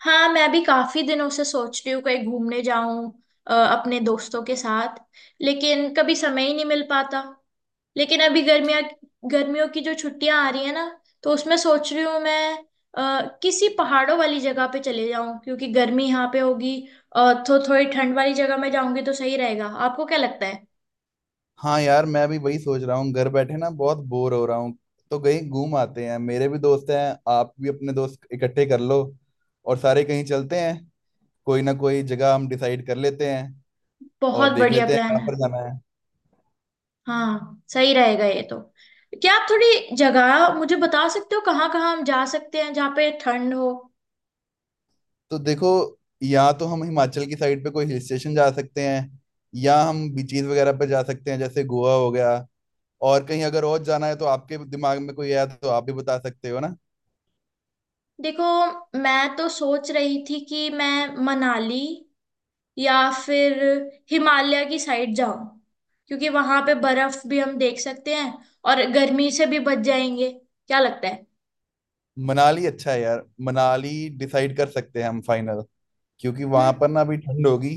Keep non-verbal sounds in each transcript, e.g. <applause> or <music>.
हाँ, मैं भी काफी दिनों से सोच रही हूँ कहीं घूमने जाऊं अपने दोस्तों के साथ। लेकिन कभी समय ही नहीं मिल पाता। लेकिन अभी गर्मियाँ, गर्मियों की जो छुट्टियां आ रही है ना, तो उसमें सोच रही हूँ मैं किसी पहाड़ों वाली जगह पे चले जाऊं, क्योंकि गर्मी यहाँ पे होगी। और तो थोड़ी ठंड वाली जगह में जाऊंगी तो सही रहेगा। आपको क्या लगता है? हाँ यार, मैं भी वही सोच रहा हूँ। घर बैठे ना बहुत बोर हो रहा हूँ, तो कहीं घूम आते हैं। मेरे भी दोस्त हैं, आप भी अपने दोस्त इकट्ठे कर लो और सारे कहीं चलते हैं। कोई ना कोई जगह हम डिसाइड कर लेते हैं और बहुत देख बढ़िया लेते हैं प्लान कहाँ है। पर जाना है। हाँ, सही रहेगा ये तो। क्या आप थोड़ी जगह मुझे बता सकते हो कहाँ कहाँ हम जा सकते हैं जहाँ पे ठंड हो? तो देखो, या तो हम हिमाचल की साइड पे कोई हिल स्टेशन जा सकते हैं, या हम बीचेस वगैरह पे जा सकते हैं, जैसे गोवा हो गया। और कहीं अगर और जाना है, तो आपके दिमाग में कोई है तो आप भी बता सकते हो ना। देखो, मैं तो सोच रही थी कि मैं मनाली या फिर हिमालय की साइड जाऊं, क्योंकि वहां पे बर्फ भी हम देख सकते हैं और गर्मी से भी बच जाएंगे। क्या लगता है? मनाली अच्छा है यार, मनाली डिसाइड कर सकते हैं हम फाइनल, क्योंकि हम्म। वहां पर ना अभी ठंड होगी।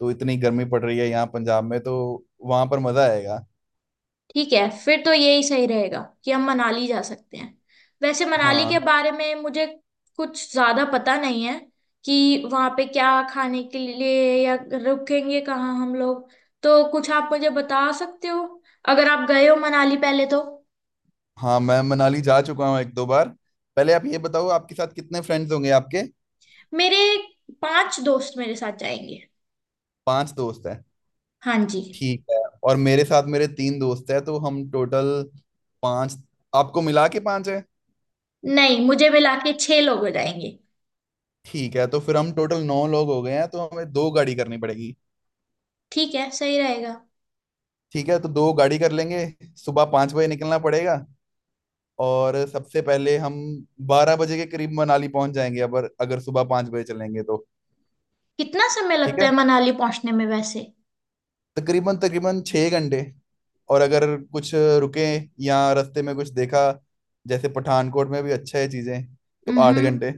तो इतनी गर्मी पड़ रही है यहाँ पंजाब में, तो वहां पर मजा आएगा। ठीक है, फिर तो यही सही रहेगा कि हम मनाली जा सकते हैं। वैसे मनाली के हाँ। बारे में मुझे कुछ ज्यादा पता नहीं है कि वहां पे क्या खाने के लिए या रुकेंगे कहाँ हम लोग, तो कुछ आप मुझे बता सकते हो अगर आप गए हो मनाली पहले तो। हाँ, मैं मनाली जा चुका हूँ एक दो बार। पहले आप ये बताओ, आपके साथ कितने फ्रेंड्स होंगे आपके? मेरे पांच दोस्त मेरे साथ जाएंगे। पांच दोस्त हैं? हाँ जी। ठीक है। और मेरे साथ मेरे तीन दोस्त हैं, तो हम टोटल पांच, आपको मिला के पांच है। नहीं, मुझे मिला के छह लोग हो जाएंगे। ठीक है, तो फिर हम टोटल नौ लोग हो गए हैं, तो हमें दो गाड़ी करनी पड़ेगी। ठीक है, सही रहेगा। ठीक है, तो दो गाड़ी कर लेंगे। सुबह 5 बजे निकलना पड़ेगा, और सबसे पहले हम 12 बजे के करीब मनाली पहुंच जाएंगे, अगर अगर सुबह 5 बजे चलेंगे तो। कितना समय ठीक लगता है। है मनाली पहुंचने में वैसे? तकरीबन तकरीबन 6 घंटे, और अगर कुछ रुके या रास्ते में कुछ देखा, जैसे पठानकोट में भी अच्छा है चीजें, तो आठ हम्म, घंटे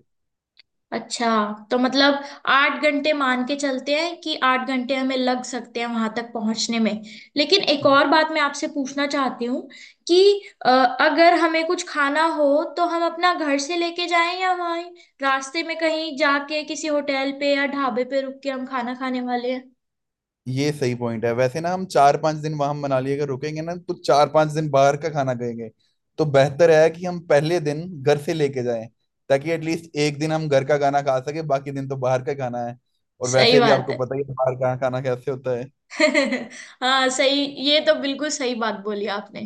अच्छा। तो मतलब 8 घंटे मान के चलते हैं कि 8 घंटे हमें लग सकते हैं वहां तक पहुंचने में। लेकिन एक और बात मैं आपसे पूछना चाहती हूँ कि अगर हमें कुछ खाना हो तो हम अपना घर से लेके जाएं या वहीं रास्ते में कहीं जाके किसी होटल पे या ढाबे पे रुक के हम खाना खाने वाले हैं। ये सही पॉइंट है वैसे ना। हम 4-5 दिन वहां मनाली अगर रुकेंगे ना, तो 4-5 दिन बाहर का खाना खाएंगे, तो बेहतर है कि हम पहले दिन घर से लेके जाएं, ताकि एटलीस्ट एक दिन हम घर का खाना खा सके। बाकी दिन तो बाहर का खाना है, और सही वैसे भी बात आपको है। पता ही है बाहर का खाना कैसे होता है। <laughs> हाँ, सही। ये तो बिल्कुल सही बात बोली आपने।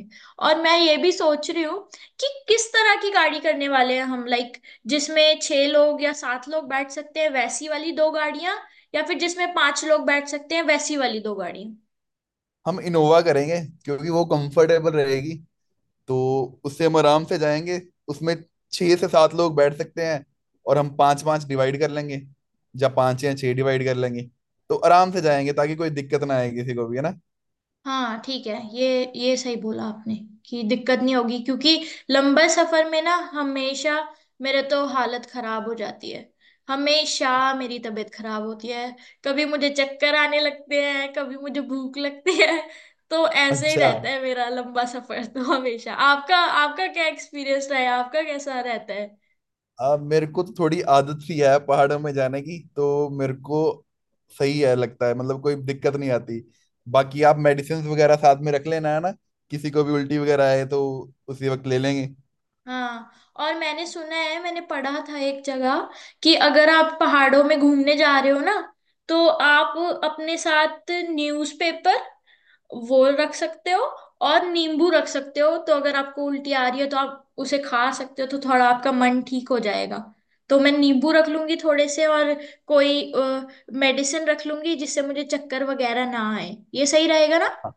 और मैं ये भी सोच रही हूँ कि किस तरह की गाड़ी करने वाले हैं हम, लाइक जिसमें छह लोग या सात लोग बैठ सकते हैं वैसी वाली दो गाड़ियां, या फिर जिसमें पांच लोग बैठ सकते हैं वैसी वाली दो गाड़ियां। हम इनोवा करेंगे, क्योंकि वो कंफर्टेबल रहेगी, तो उससे हम आराम से जाएंगे। उसमें छह से सात लोग बैठ सकते हैं, और हम पांच पांच डिवाइड कर लेंगे, या पांच या छह डिवाइड कर लेंगे। तो आराम से जाएंगे, ताकि कोई दिक्कत ना आए किसी को भी, है ना। हाँ, ठीक है। ये सही बोला आपने कि दिक्कत नहीं होगी, क्योंकि लंबे सफर में ना हमेशा मेरे तो हालत खराब हो जाती है। हमेशा मेरी तबीयत खराब होती है। कभी मुझे चक्कर आने लगते हैं, कभी मुझे भूख लगती है। तो ऐसे ही अच्छा, रहता है मेरा लंबा सफर तो हमेशा। आपका, आपका क्या एक्सपीरियंस रहा है? आपका कैसा रहता? अब मेरे को तो थोड़ी आदत सी है पहाड़ों में जाने की, तो मेरे को सही है लगता है, मतलब कोई दिक्कत नहीं आती। बाकी आप मेडिसिन वगैरह साथ में रख लेना, है ना। किसी को भी उल्टी वगैरह आए तो उसी वक्त ले लेंगे। हाँ, और मैंने सुना है, मैंने पढ़ा था एक जगह कि अगर आप पहाड़ों में घूमने जा रहे हो ना, तो आप अपने साथ न्यूज़पेपर वो रख सकते हो, और नींबू रख सकते हो। तो अगर आपको उल्टी आ रही है तो आप उसे खा सकते हो तो थोड़ा आपका मन ठीक हो जाएगा। तो मैं नींबू रख लूंगी थोड़े से, और कोई मेडिसिन रख लूंगी जिससे मुझे चक्कर वगैरह ना आए। ये सही रहेगा ना? हाँ।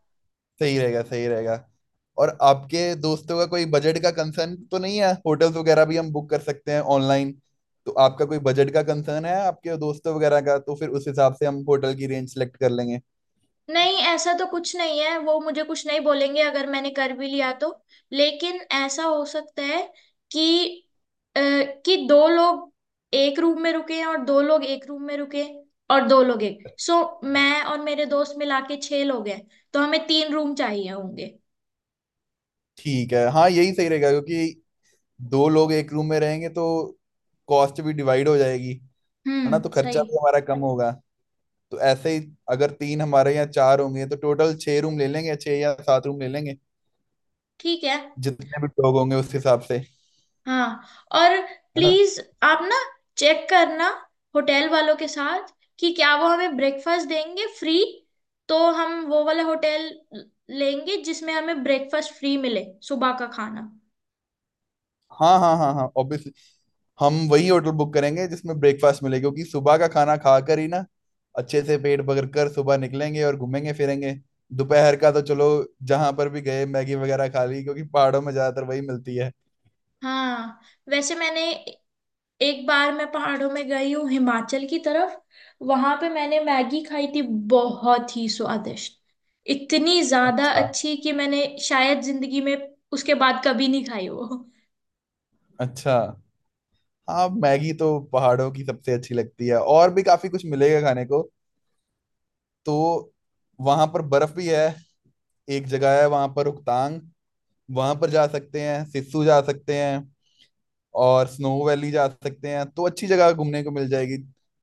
सही रहेगा, सही रहेगा। और आपके दोस्तों का कोई बजट का कंसर्न तो नहीं है? होटल्स वगैरह भी हम बुक कर सकते हैं ऑनलाइन। तो आपका कोई बजट का कंसर्न है आपके दोस्तों वगैरह का, तो फिर उस हिसाब से हम होटल की रेंज सेलेक्ट कर लेंगे। नहीं, ऐसा तो कुछ नहीं है, वो मुझे कुछ नहीं बोलेंगे अगर मैंने कर भी लिया तो। लेकिन ऐसा हो सकता है कि अ, कि दो लोग एक रूम में रुके, और दो लोग एक रूम में रुके, और दो लोग एक, सो मैं और मेरे दोस्त मिला के छह लोग हैं, तो हमें तीन रूम चाहिए होंगे। ठीक है, हाँ यही सही रहेगा, क्योंकि दो लोग एक रूम में रहेंगे तो कॉस्ट भी डिवाइड हो जाएगी। है ना, तो हम्म, सही। खर्चा भी हमारा कम होगा। तो ऐसे ही, अगर तीन हमारे, यहाँ चार होंगे, तो टोटल छह रूम ले लेंगे, छह या सात रूम ले लेंगे, ठीक है। जितने भी लोग होंगे उस हिसाब से, है हाँ। और ना। प्लीज आप ना चेक करना होटल वालों के साथ कि क्या वो हमें ब्रेकफास्ट देंगे फ्री, तो हम वो वाला होटल लेंगे जिसमें हमें ब्रेकफास्ट फ्री मिले, सुबह का खाना। हाँ हाँ हाँ हाँ, ऑब्वियसली हम वही होटल बुक करेंगे जिसमें ब्रेकफास्ट मिले, क्योंकि सुबह का खाना खाकर ही ना अच्छे से पेट भर कर सुबह निकलेंगे और घूमेंगे फिरेंगे। दोपहर का तो चलो, जहां पर भी गए मैगी वगैरह खा ली, क्योंकि पहाड़ों में ज्यादातर वही मिलती है। हाँ, वैसे मैंने, एक बार मैं पहाड़ों में गई हूँ हिमाचल की तरफ, वहां पे मैंने मैगी खाई थी, बहुत ही स्वादिष्ट, इतनी ज्यादा अच्छा। अच्छी कि मैंने शायद जिंदगी में उसके बाद कभी नहीं खाई वो। अच्छा। हाँ, मैगी तो पहाड़ों की सबसे अच्छी लगती है, और भी काफी कुछ मिलेगा खाने को। तो वहां पर बर्फ भी है, एक जगह है वहां पर रोहतांग, वहां पर जा सकते हैं, सिस्सू जा सकते हैं, और स्नो वैली जा सकते हैं, तो अच्छी जगह घूमने को मिल जाएगी।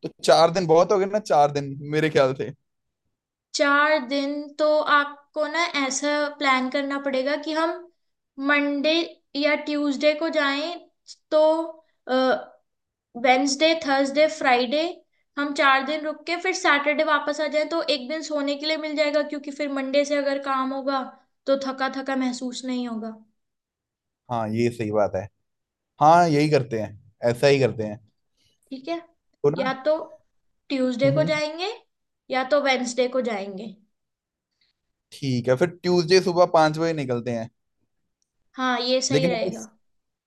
तो 4 दिन बहुत हो गए ना, 4 दिन मेरे ख्याल से। चार दिन? तो आपको ना ऐसा प्लान करना पड़ेगा कि हम मंडे या ट्यूसडे को जाएं, तो वेंसडे थर्सडे फ्राइडे हम 4 दिन रुक के फिर सैटरडे वापस आ जाएं, तो एक दिन सोने के लिए मिल जाएगा, क्योंकि फिर मंडे से अगर काम होगा तो थका थका महसूस नहीं होगा। हाँ, ये सही बात है। हाँ, यही करते हैं, ऐसा ही करते हैं। ठीक है, तो ना, या तो ट्यूसडे हम्म को हम्म, जाएंगे, या तो वेंसडे को जाएंगे। ठीक है, फिर ट्यूसडे सुबह 5 बजे निकलते हैं। हाँ, ये सही लेकिन हमें, रहेगा।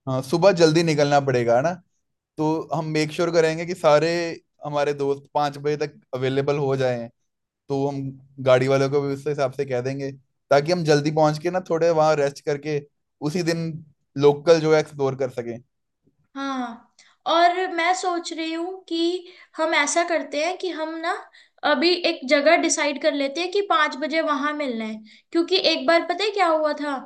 हाँ, सुबह जल्दी निकलना पड़ेगा ना, तो हम मेक श्योर करेंगे कि सारे हमारे दोस्त 5 बजे तक अवेलेबल हो जाएं, तो हम गाड़ी वालों को भी उस हिसाब से कह देंगे, ताकि हम जल्दी पहुंच के ना थोड़े वहाँ रेस्ट करके उसी दिन लोकल जो है एक्सप्लोर कर सकें। हाँ, और मैं सोच रही हूँ कि हम ऐसा करते हैं कि हम ना अभी एक जगह डिसाइड कर लेते हैं कि 5 बजे वहां मिलना है, क्योंकि एक बार पता है क्या हुआ था?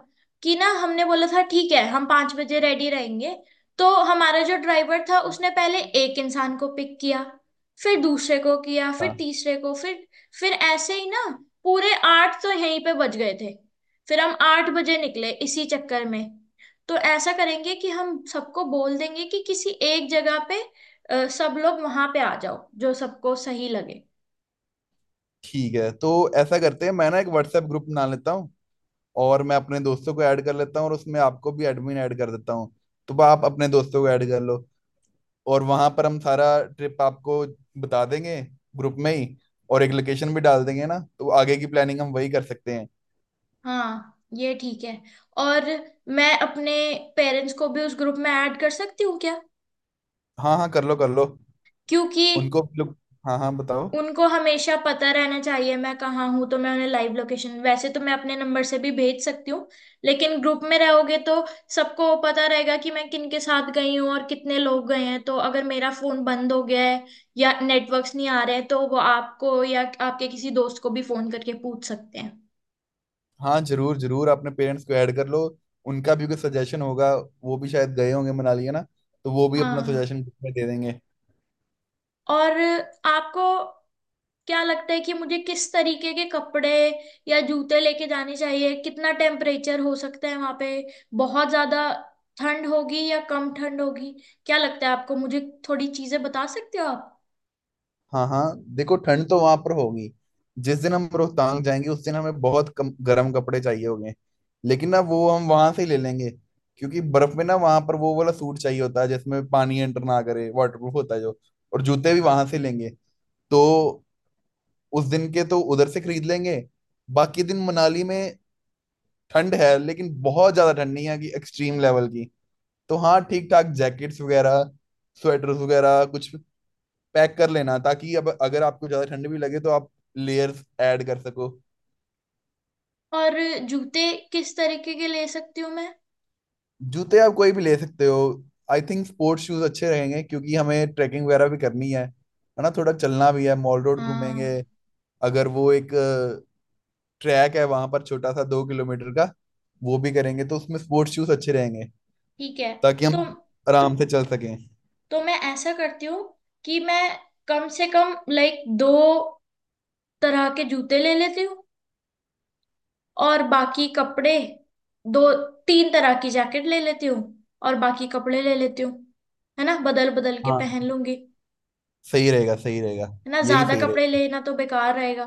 कि ना हमने बोला था ठीक है हम 5 बजे रेडी रहेंगे, तो हमारा जो ड्राइवर था उसने पहले एक इंसान को पिक किया, फिर दूसरे को किया, फिर हाँ, तीसरे को, फिर ऐसे ही ना, पूरे 8 तो यहीं पे बज गए थे, फिर हम 8 बजे निकले इसी चक्कर में। तो ऐसा करेंगे कि हम सबको बोल देंगे कि किसी एक जगह पे सब लोग वहां पे आ जाओ जो सबको सही लगे। ठीक है। तो ऐसा करते हैं, मैं ना एक व्हाट्सएप ग्रुप बना लेता हूँ और मैं अपने दोस्तों को ऐड कर लेता हूँ, और उसमें आपको भी एडमिन ऐड कर देता हूँ, तो आप अपने दोस्तों को ऐड कर लो। और वहां पर हम सारा ट्रिप आपको बता देंगे, ग्रुप में ही, और एक लोकेशन भी डाल देंगे ना, तो आगे की प्लानिंग हम वही कर सकते हैं। हाँ, ये ठीक है। और मैं अपने पेरेंट्स को भी उस ग्रुप में ऐड कर सकती हूँ क्या? हाँ हाँ, कर लो कर लो। क्योंकि उनको भी लोग, हाँ हाँ, बताओ। उनको हमेशा पता रहना चाहिए मैं कहाँ हूँ, तो मैं उन्हें लाइव लोकेशन, वैसे तो मैं अपने नंबर से भी भेज सकती हूँ, लेकिन ग्रुप में रहोगे तो सबको पता रहेगा कि मैं किन के साथ गई हूँ और कितने लोग गए हैं, तो अगर मेरा फोन बंद हो गया है या नेटवर्क्स नहीं आ रहे हैं तो वो आपको या आपके किसी दोस्त को भी फोन करके पूछ सकते हैं। हाँ, जरूर जरूर अपने पेरेंट्स को ऐड कर लो, उनका भी कोई सजेशन होगा, वो भी शायद गए होंगे मनाली, है ना। तो वो भी अपना हाँ। सजेशन दे देंगे। और आपको क्या लगता है कि मुझे किस तरीके के कपड़े या जूते लेके जाने चाहिए? कितना टेम्परेचर हो सकता है वहां पे? बहुत ज्यादा ठंड होगी या कम ठंड होगी? क्या लगता है आपको? मुझे थोड़ी चीजें बता सकते हो आप? हाँ हाँ, देखो ठंड तो वहां पर होगी। जिस दिन हम रोहतांग जाएंगे, उस दिन हमें बहुत कम गर्म कपड़े चाहिए होंगे, लेकिन ना वो हम वहां से ही ले लेंगे, क्योंकि बर्फ में ना वहां पर वो वाला सूट चाहिए होता है जिसमें पानी एंटर ना करे, वाटरप्रूफ होता है जो, और जूते भी वहां से लेंगे। तो उस दिन के तो उधर से खरीद लेंगे। बाकी दिन मनाली में ठंड है, लेकिन बहुत ज्यादा ठंड नहीं है कि एक्सट्रीम लेवल की, तो हाँ ठीक ठाक जैकेट्स वगैरह, स्वेटर्स वगैरह कुछ पैक कर लेना, ताकि अब अगर आपको ज्यादा ठंड भी लगे तो आप लेयर्स ऐड कर सको। और जूते किस तरीके के ले सकती हूँ मैं? जूते आप कोई भी ले सकते हो, आई थिंक स्पोर्ट्स शूज अच्छे रहेंगे, क्योंकि हमें ट्रैकिंग वगैरह भी करनी है ना, थोड़ा चलना भी है, मॉल रोड घूमेंगे। हाँ, अगर वो एक ट्रैक है वहां पर, छोटा सा 2 किलोमीटर का, वो भी करेंगे, तो उसमें स्पोर्ट्स शूज अच्छे रहेंगे, ठीक है। ताकि तो हम आराम से चल सकें। तो मैं ऐसा करती हूँ कि मैं कम से कम लाइक दो तरह के जूते ले लेती हूँ, और बाकी कपड़े, दो तीन तरह की जैकेट ले लेती हूँ और बाकी कपड़े ले लेती हूँ, है ना, बदल बदल के हाँ, पहन लूंगी। सही रहेगा, सही रहेगा। है ना, यही ज्यादा सही कपड़े रहेगा, लेना तो बेकार रहेगा।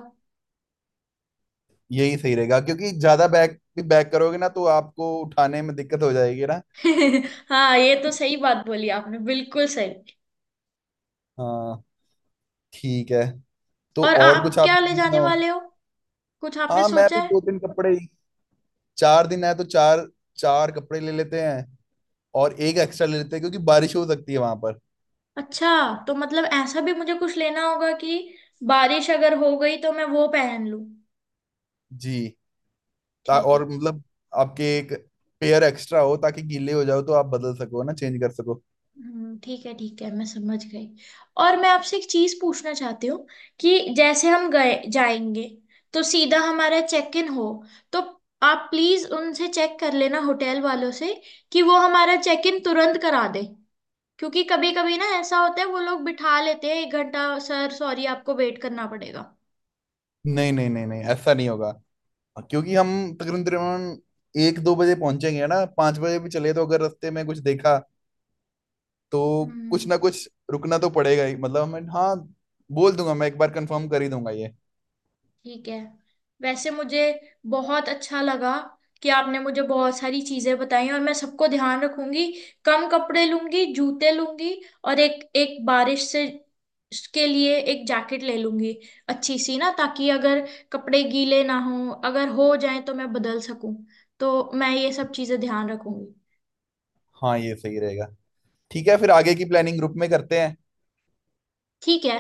यही सही रहेगा, क्योंकि ज्यादा बैग भी बैग करोगे ना, तो आपको उठाने में दिक्कत हो जाएगी ना। <laughs> हाँ, ये तो सही बात बोली आपने, बिल्कुल सही। हाँ, ठीक है। तो और और कुछ आप आप क्या ले पूछना जाने हो? वाले हो? कुछ आपने हाँ, मैं सोचा भी है? दो तीन कपड़े ही, 4 दिन है तो चार चार कपड़े ले लेते हैं, और एक एक्स्ट्रा ले लेते हैं, क्योंकि बारिश हो सकती है वहां पर। अच्छा, तो मतलब ऐसा भी मुझे कुछ लेना होगा कि बारिश अगर हो गई तो मैं वो पहन लूं? जी। ठीक है। और मतलब आपके एक पेयर एक्स्ट्रा हो, ताकि गीले हो जाओ तो आप बदल सको ना, चेंज कर सको। ठीक है, ठीक है, मैं समझ गई। और मैं आपसे एक चीज पूछना चाहती हूँ कि जैसे हम गए जाएंगे तो सीधा हमारा चेक इन हो, तो आप प्लीज उनसे चेक कर लेना होटल वालों से कि वो हमारा चेक इन तुरंत करा दे, क्योंकि कभी कभी ना ऐसा होता है वो लोग बिठा लेते हैं 1 घंटा, सर सॉरी आपको वेट करना पड़ेगा। नहीं नहीं नहीं नहीं, ऐसा नहीं होगा, क्योंकि हम तकरीबन तकरीबन एक दो बजे पहुंचेंगे ना, 5 बजे भी चले तो अगर रास्ते में कुछ देखा, तो कुछ हम्म, ना कुछ रुकना तो पड़ेगा ही, मतलब मैं हाँ, बोल दूंगा, मैं एक बार कंफर्म कर ही दूंगा ये। ठीक है। वैसे मुझे बहुत अच्छा लगा कि आपने मुझे बहुत सारी चीजें बताई, और मैं सबको ध्यान रखूंगी। कम कपड़े लूंगी, जूते लूंगी, और एक एक बारिश से के लिए एक जैकेट ले लूंगी, अच्छी सी ना, ताकि अगर कपड़े गीले ना हो, अगर हो जाए तो मैं बदल सकूं, तो मैं ये सब चीजें ध्यान रखूंगी। हाँ, ये सही रहेगा। ठीक है, फिर आगे की प्लानिंग ग्रुप में करते हैं। ठीक है।